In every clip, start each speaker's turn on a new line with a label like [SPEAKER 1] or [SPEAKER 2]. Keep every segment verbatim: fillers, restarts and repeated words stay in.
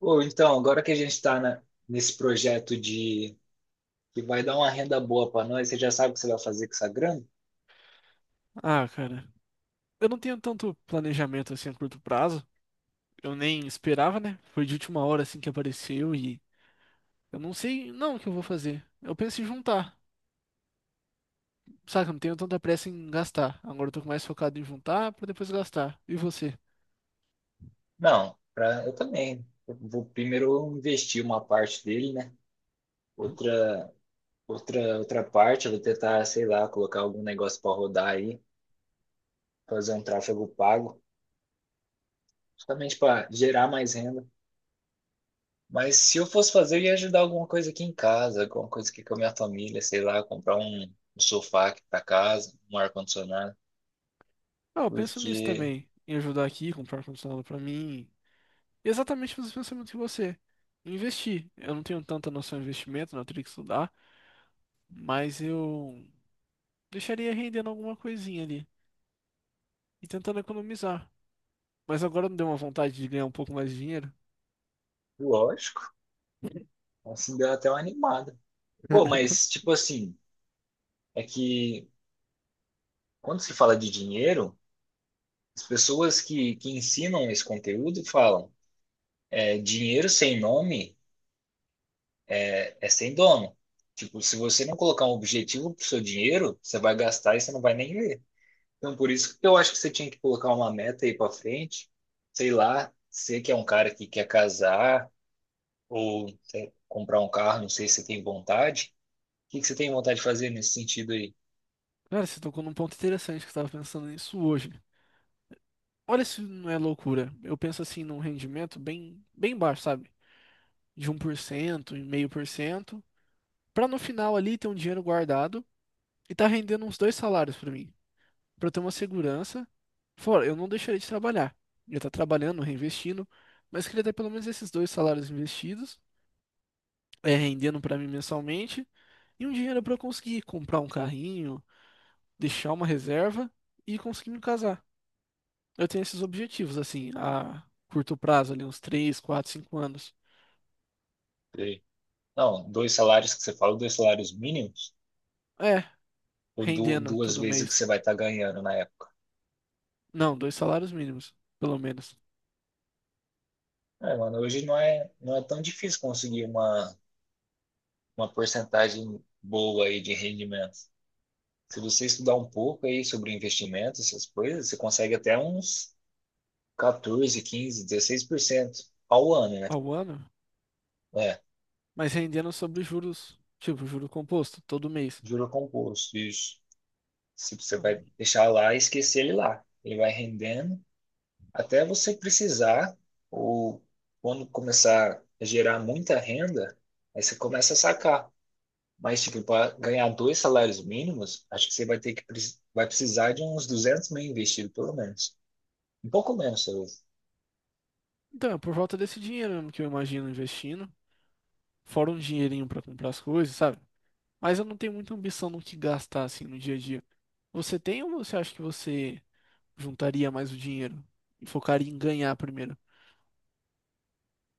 [SPEAKER 1] Ou então, agora que a gente está nesse projeto de que vai dar uma renda boa para nós, você já sabe o que você vai fazer com essa grana?
[SPEAKER 2] Ah, cara, eu não tenho tanto planejamento assim a curto prazo. Eu nem esperava, né? Foi de última hora assim que apareceu e eu não sei não o que eu vou fazer. Eu penso em juntar, saca? Eu não tenho tanta pressa em gastar. Agora eu tô mais focado em juntar pra depois gastar. E você?
[SPEAKER 1] Não, pra, eu também. Eu vou primeiro investir uma parte dele, né? Outra, outra, outra parte, eu vou tentar, sei lá, colocar algum negócio para rodar aí, fazer um tráfego pago, justamente para gerar mais renda. Mas se eu fosse fazer, eu ia ajudar alguma coisa aqui em casa, alguma coisa aqui com a minha família, sei lá, comprar um, um sofá aqui para casa, um ar-condicionado,
[SPEAKER 2] Ah, eu penso nisso
[SPEAKER 1] porque.
[SPEAKER 2] também, em ajudar aqui, comprar um condicionado pra mim. Exatamente os pensamentos que você. Investir. Eu não tenho tanta noção de investimento, não, eu teria que estudar, mas eu deixaria rendendo alguma coisinha ali e tentando economizar. Mas agora me deu uma vontade de ganhar um pouco mais de dinheiro?
[SPEAKER 1] Lógico. Assim, deu até uma animada. Pô, mas, tipo assim, é que quando se fala de dinheiro, as pessoas que, que ensinam esse conteúdo falam, é, dinheiro sem nome é, é sem dono. Tipo, se você não colocar um objetivo pro seu dinheiro, você vai gastar e você não vai nem ver. Então, por isso que eu acho que você tinha que colocar uma meta aí pra frente, sei lá, você que é um cara que quer casar ou sei, comprar um carro, não sei se você tem vontade. O que que você tem vontade de fazer nesse sentido
[SPEAKER 2] Cara, você tocou num ponto interessante que eu tava pensando nisso hoje. Olha se não é loucura. Eu penso assim num rendimento bem, bem baixo, sabe? De um por cento, meio por cento, pra no final ali ter um dinheiro guardado e tá rendendo uns dois salários pra mim, pra eu ter uma segurança. Fora, eu não deixaria de trabalhar. Eu tá trabalhando, reinvestindo, mas queria ter pelo menos esses dois salários investidos, é rendendo pra mim mensalmente e um dinheiro pra eu conseguir comprar um carrinho, deixar uma reserva e conseguir me casar. Eu tenho esses objetivos, assim, a curto prazo, ali, uns três, quatro, cinco anos.
[SPEAKER 1] aí? Não, dois salários que você fala, dois salários mínimos,
[SPEAKER 2] É,
[SPEAKER 1] ou du-
[SPEAKER 2] rendendo
[SPEAKER 1] duas
[SPEAKER 2] todo
[SPEAKER 1] vezes o que
[SPEAKER 2] mês.
[SPEAKER 1] você vai estar ganhando na época.
[SPEAKER 2] Não, dois salários mínimos, pelo menos,
[SPEAKER 1] É, mano, hoje não é, não é tão difícil conseguir uma, uma porcentagem boa aí de rendimento. Se você estudar um pouco aí sobre investimentos, essas coisas, você consegue até uns quatorze, quinze, dezesseis por cento ao ano, né?
[SPEAKER 2] ao ano,
[SPEAKER 1] É,
[SPEAKER 2] mas rendendo sobre juros, tipo, juro composto, todo mês.
[SPEAKER 1] juro composto, isso. Se você vai deixar lá e esquecer ele lá. Ele vai rendendo até você precisar, ou quando começar a gerar muita renda, aí você começa a sacar. Mas, tipo, para ganhar dois salários mínimos, acho que você vai ter que preci- vai precisar de uns duzentos mil investido, pelo menos. Um pouco menos, eu.
[SPEAKER 2] Então, é por volta desse dinheiro mesmo que eu imagino investindo, fora um dinheirinho pra comprar as coisas, sabe? Mas eu não tenho muita ambição no que gastar, assim, no dia a dia. Você tem ou você acha que você juntaria mais o dinheiro e focaria em ganhar primeiro?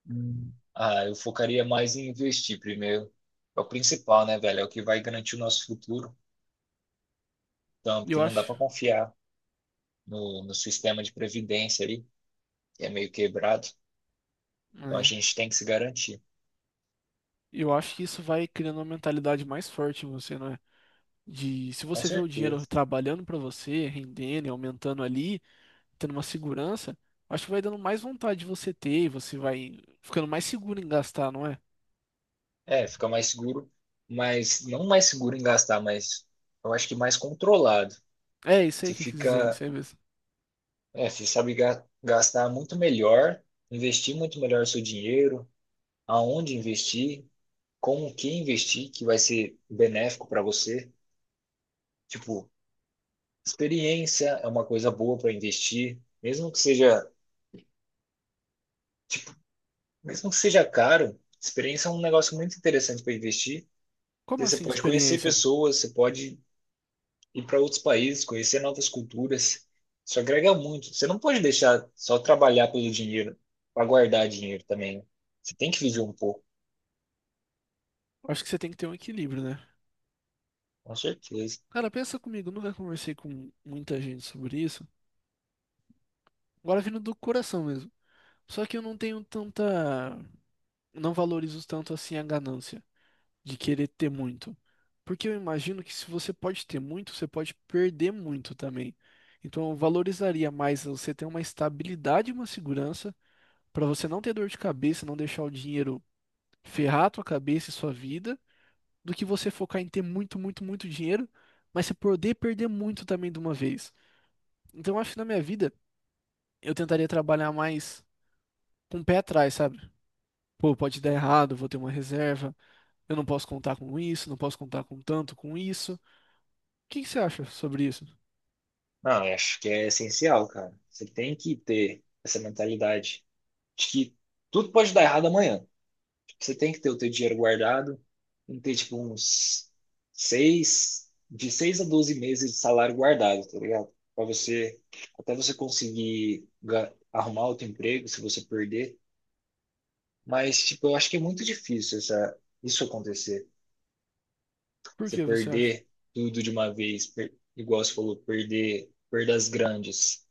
[SPEAKER 1] Hum. Ah, eu focaria mais em investir primeiro. É o principal, né, velho? É o que vai garantir o nosso futuro. Então, porque
[SPEAKER 2] Eu
[SPEAKER 1] não dá
[SPEAKER 2] acho,
[SPEAKER 1] para confiar no, no sistema de previdência ali, que é meio quebrado. Então, a
[SPEAKER 2] é,
[SPEAKER 1] gente tem que se garantir.
[SPEAKER 2] eu acho que isso vai criando uma mentalidade mais forte em você, não é? De se
[SPEAKER 1] Com
[SPEAKER 2] você vê o dinheiro
[SPEAKER 1] certeza.
[SPEAKER 2] trabalhando pra você, rendendo, e aumentando ali, tendo uma segurança, acho que vai dando mais vontade de você ter e você vai ficando mais seguro em gastar, não é?
[SPEAKER 1] É, fica mais seguro, mas não mais seguro em gastar, mas eu acho que mais controlado.
[SPEAKER 2] É isso aí
[SPEAKER 1] Você
[SPEAKER 2] que eu quis dizer, isso
[SPEAKER 1] fica,
[SPEAKER 2] aí mesmo.
[SPEAKER 1] é, você sabe ga- gastar muito melhor, investir muito melhor o seu dinheiro, aonde investir, como que investir, que vai ser benéfico para você. Tipo, experiência é uma coisa boa para investir, mesmo que seja, mesmo que seja caro, experiência é um negócio muito interessante para investir.
[SPEAKER 2] Como
[SPEAKER 1] Porque você
[SPEAKER 2] assim
[SPEAKER 1] pode conhecer
[SPEAKER 2] experiência?
[SPEAKER 1] pessoas, você pode ir para outros países, conhecer novas culturas. Isso agrega muito. Você não pode deixar só trabalhar pelo dinheiro, para guardar dinheiro também, né? Você tem que viver um pouco,
[SPEAKER 2] Acho que você tem que ter um equilíbrio, né?
[SPEAKER 1] com certeza.
[SPEAKER 2] Cara, pensa comigo, eu nunca conversei com muita gente sobre isso. Agora vindo do coração mesmo. Só que eu não tenho tanta, não valorizo tanto assim a ganância. De querer ter muito. Porque eu imagino que se você pode ter muito, você pode perder muito também. Então eu valorizaria mais você ter uma estabilidade e uma segurança para você não ter dor de cabeça, não deixar o dinheiro ferrar a tua cabeça e sua vida, do que você focar em ter muito, muito, muito dinheiro, mas você poder perder muito também de uma vez. Então eu acho que na minha vida eu tentaria trabalhar mais com o pé atrás, sabe? Pô, pode dar errado, vou ter uma reserva, eu não posso contar com isso, não posso contar com tanto com isso. O que que você acha sobre isso?
[SPEAKER 1] Não, eu acho que é essencial, cara. Você tem que ter essa mentalidade de que tudo pode dar errado amanhã. Você tem que ter o teu dinheiro guardado, tem que ter tipo uns seis, de seis a doze meses de salário guardado, tá ligado? Para você, até você conseguir ga- arrumar outro emprego, se você perder. Mas, tipo, eu acho que é muito difícil essa, isso acontecer.
[SPEAKER 2] Por
[SPEAKER 1] Você
[SPEAKER 2] que você acha?
[SPEAKER 1] perder tudo de uma vez, per- igual você falou, perder perdas grandes.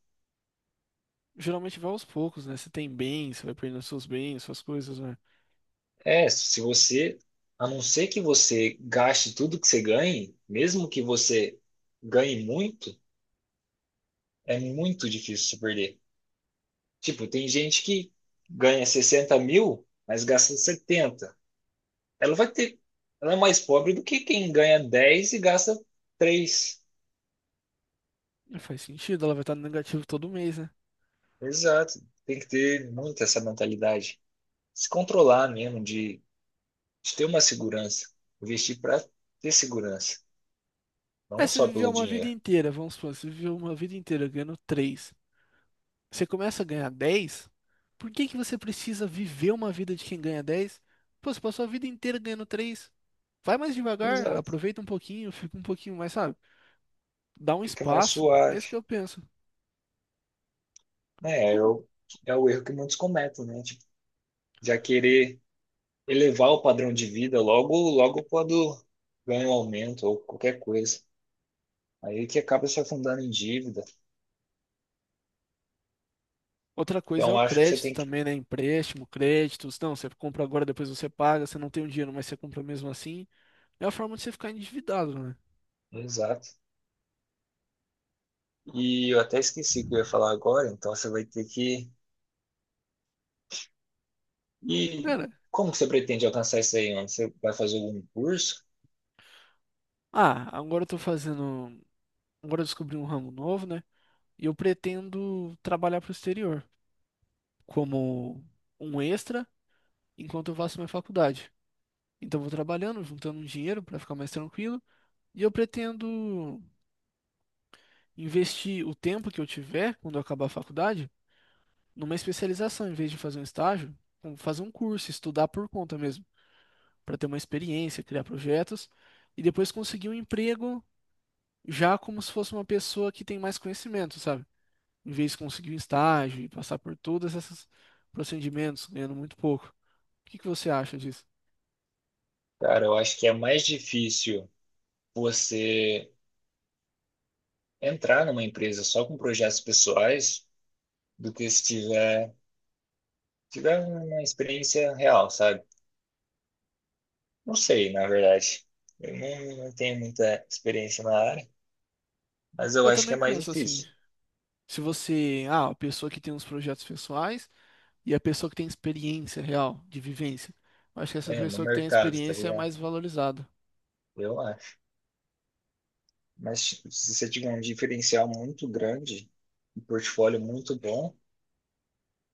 [SPEAKER 2] Geralmente vai aos poucos, né? Você tem bens, você vai perdendo seus bens, suas coisas, né?
[SPEAKER 1] É, se você, a não ser que você gaste tudo que você ganhe, mesmo que você ganhe muito, é muito difícil se perder. Tipo, tem gente que ganha sessenta mil, mas gasta setenta. Ela vai ter, ela é mais pobre do que quem ganha dez e gasta três.
[SPEAKER 2] Não faz sentido, ela vai estar no negativo todo mês, né?
[SPEAKER 1] Exato. Tem que ter muito essa mentalidade. Se controlar mesmo, de, de ter uma segurança. Investir para ter segurança. Não
[SPEAKER 2] Aí você
[SPEAKER 1] só
[SPEAKER 2] viveu
[SPEAKER 1] pelo
[SPEAKER 2] uma vida
[SPEAKER 1] dinheiro.
[SPEAKER 2] inteira, vamos supor, você viveu uma vida inteira ganhando três. Você começa a ganhar dez? Por que que você precisa viver uma vida de quem ganha dez? Pô, você passou a vida inteira ganhando três, vai mais devagar,
[SPEAKER 1] Exato.
[SPEAKER 2] aproveita um pouquinho, fica um pouquinho mais, sabe? Dá um
[SPEAKER 1] Fica mais
[SPEAKER 2] espaço. É isso que
[SPEAKER 1] suave.
[SPEAKER 2] eu penso.
[SPEAKER 1] Né, é
[SPEAKER 2] Como
[SPEAKER 1] o, é o erro que muitos cometem, né? Tipo, já querer elevar o padrão de vida logo, logo quando ganha um aumento ou qualquer coisa. Aí que acaba se afundando em dívida.
[SPEAKER 2] outra coisa é
[SPEAKER 1] Então,
[SPEAKER 2] o
[SPEAKER 1] acho que você
[SPEAKER 2] crédito
[SPEAKER 1] tem que.
[SPEAKER 2] também, né? Empréstimo, créditos. Não, você compra agora, depois você paga. Você não tem o dinheiro, mas você compra mesmo assim. É a forma de você ficar endividado, né?
[SPEAKER 1] Exato. E eu até esqueci o que eu ia falar agora, então você vai ter que. E
[SPEAKER 2] Cara,
[SPEAKER 1] como que você pretende alcançar isso aí, mano? Você vai fazer algum curso?
[SPEAKER 2] ah, agora eu tô fazendo. Agora eu descobri um ramo novo, né? E eu pretendo trabalhar pro exterior como um extra enquanto eu faço minha faculdade. Então eu vou trabalhando, juntando um dinheiro para ficar mais tranquilo. E eu pretendo investir o tempo que eu tiver quando eu acabar a faculdade, numa especialização, em vez de fazer um estágio, com- fazer um curso, estudar por conta mesmo, para ter uma experiência, criar projetos e depois conseguir um emprego já como se fosse uma pessoa que tem mais conhecimento, sabe? Em vez de conseguir um estágio e passar por todos esses procedimentos, ganhando muito pouco. O que que você acha disso?
[SPEAKER 1] Cara, eu acho que é mais difícil você entrar numa empresa só com projetos pessoais do que se tiver, tiver uma experiência real, sabe? Não sei, na verdade. Eu não, não tenho muita experiência na área, mas eu
[SPEAKER 2] Eu
[SPEAKER 1] acho que
[SPEAKER 2] também
[SPEAKER 1] é mais
[SPEAKER 2] penso assim,
[SPEAKER 1] difícil.
[SPEAKER 2] se você, ah, a pessoa que tem uns projetos pessoais e a pessoa que tem experiência real de vivência, eu acho que essa
[SPEAKER 1] É, no
[SPEAKER 2] pessoa que tem a
[SPEAKER 1] mercado, tá
[SPEAKER 2] experiência é
[SPEAKER 1] ligado?
[SPEAKER 2] mais valorizada.
[SPEAKER 1] Eu acho. Mas tipo, se você tiver um diferencial muito grande, um portfólio muito bom,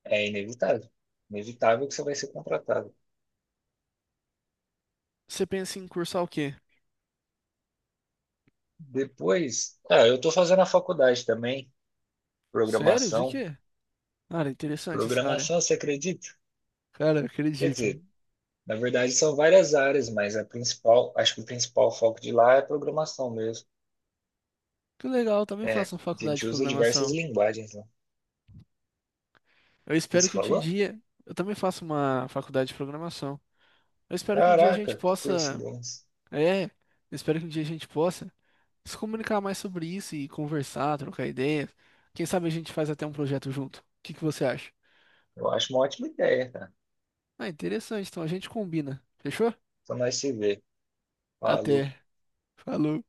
[SPEAKER 1] é inevitável. Inevitável que você vai ser contratado.
[SPEAKER 2] Você pensa em cursar o quê?
[SPEAKER 1] Depois, ah, eu estou fazendo a faculdade também,
[SPEAKER 2] Sério? De
[SPEAKER 1] programação.
[SPEAKER 2] quê? Cara, interessante essa área.
[SPEAKER 1] Programação, você acredita?
[SPEAKER 2] Cara, eu
[SPEAKER 1] Quer
[SPEAKER 2] acredito.
[SPEAKER 1] dizer, na verdade são várias áreas, mas a principal, acho que o principal foco de lá é programação mesmo.
[SPEAKER 2] Que legal, eu também
[SPEAKER 1] É, a
[SPEAKER 2] faço uma faculdade
[SPEAKER 1] gente
[SPEAKER 2] de
[SPEAKER 1] usa diversas
[SPEAKER 2] programação.
[SPEAKER 1] linguagens lá.
[SPEAKER 2] Eu espero
[SPEAKER 1] Isso
[SPEAKER 2] que um
[SPEAKER 1] falou?
[SPEAKER 2] dia. Eu também faço uma faculdade de programação. Eu espero que um dia a gente
[SPEAKER 1] Caraca, que
[SPEAKER 2] possa.
[SPEAKER 1] coincidência.
[SPEAKER 2] É, eu espero que um dia a gente possa se comunicar mais sobre isso e conversar, trocar ideias. Quem sabe a gente faz até um projeto junto. O que que você acha?
[SPEAKER 1] Eu acho uma ótima ideia, cara.
[SPEAKER 2] Ah, interessante. Então a gente combina. Fechou?
[SPEAKER 1] Só nós se ver. Falou.
[SPEAKER 2] Até. Falou.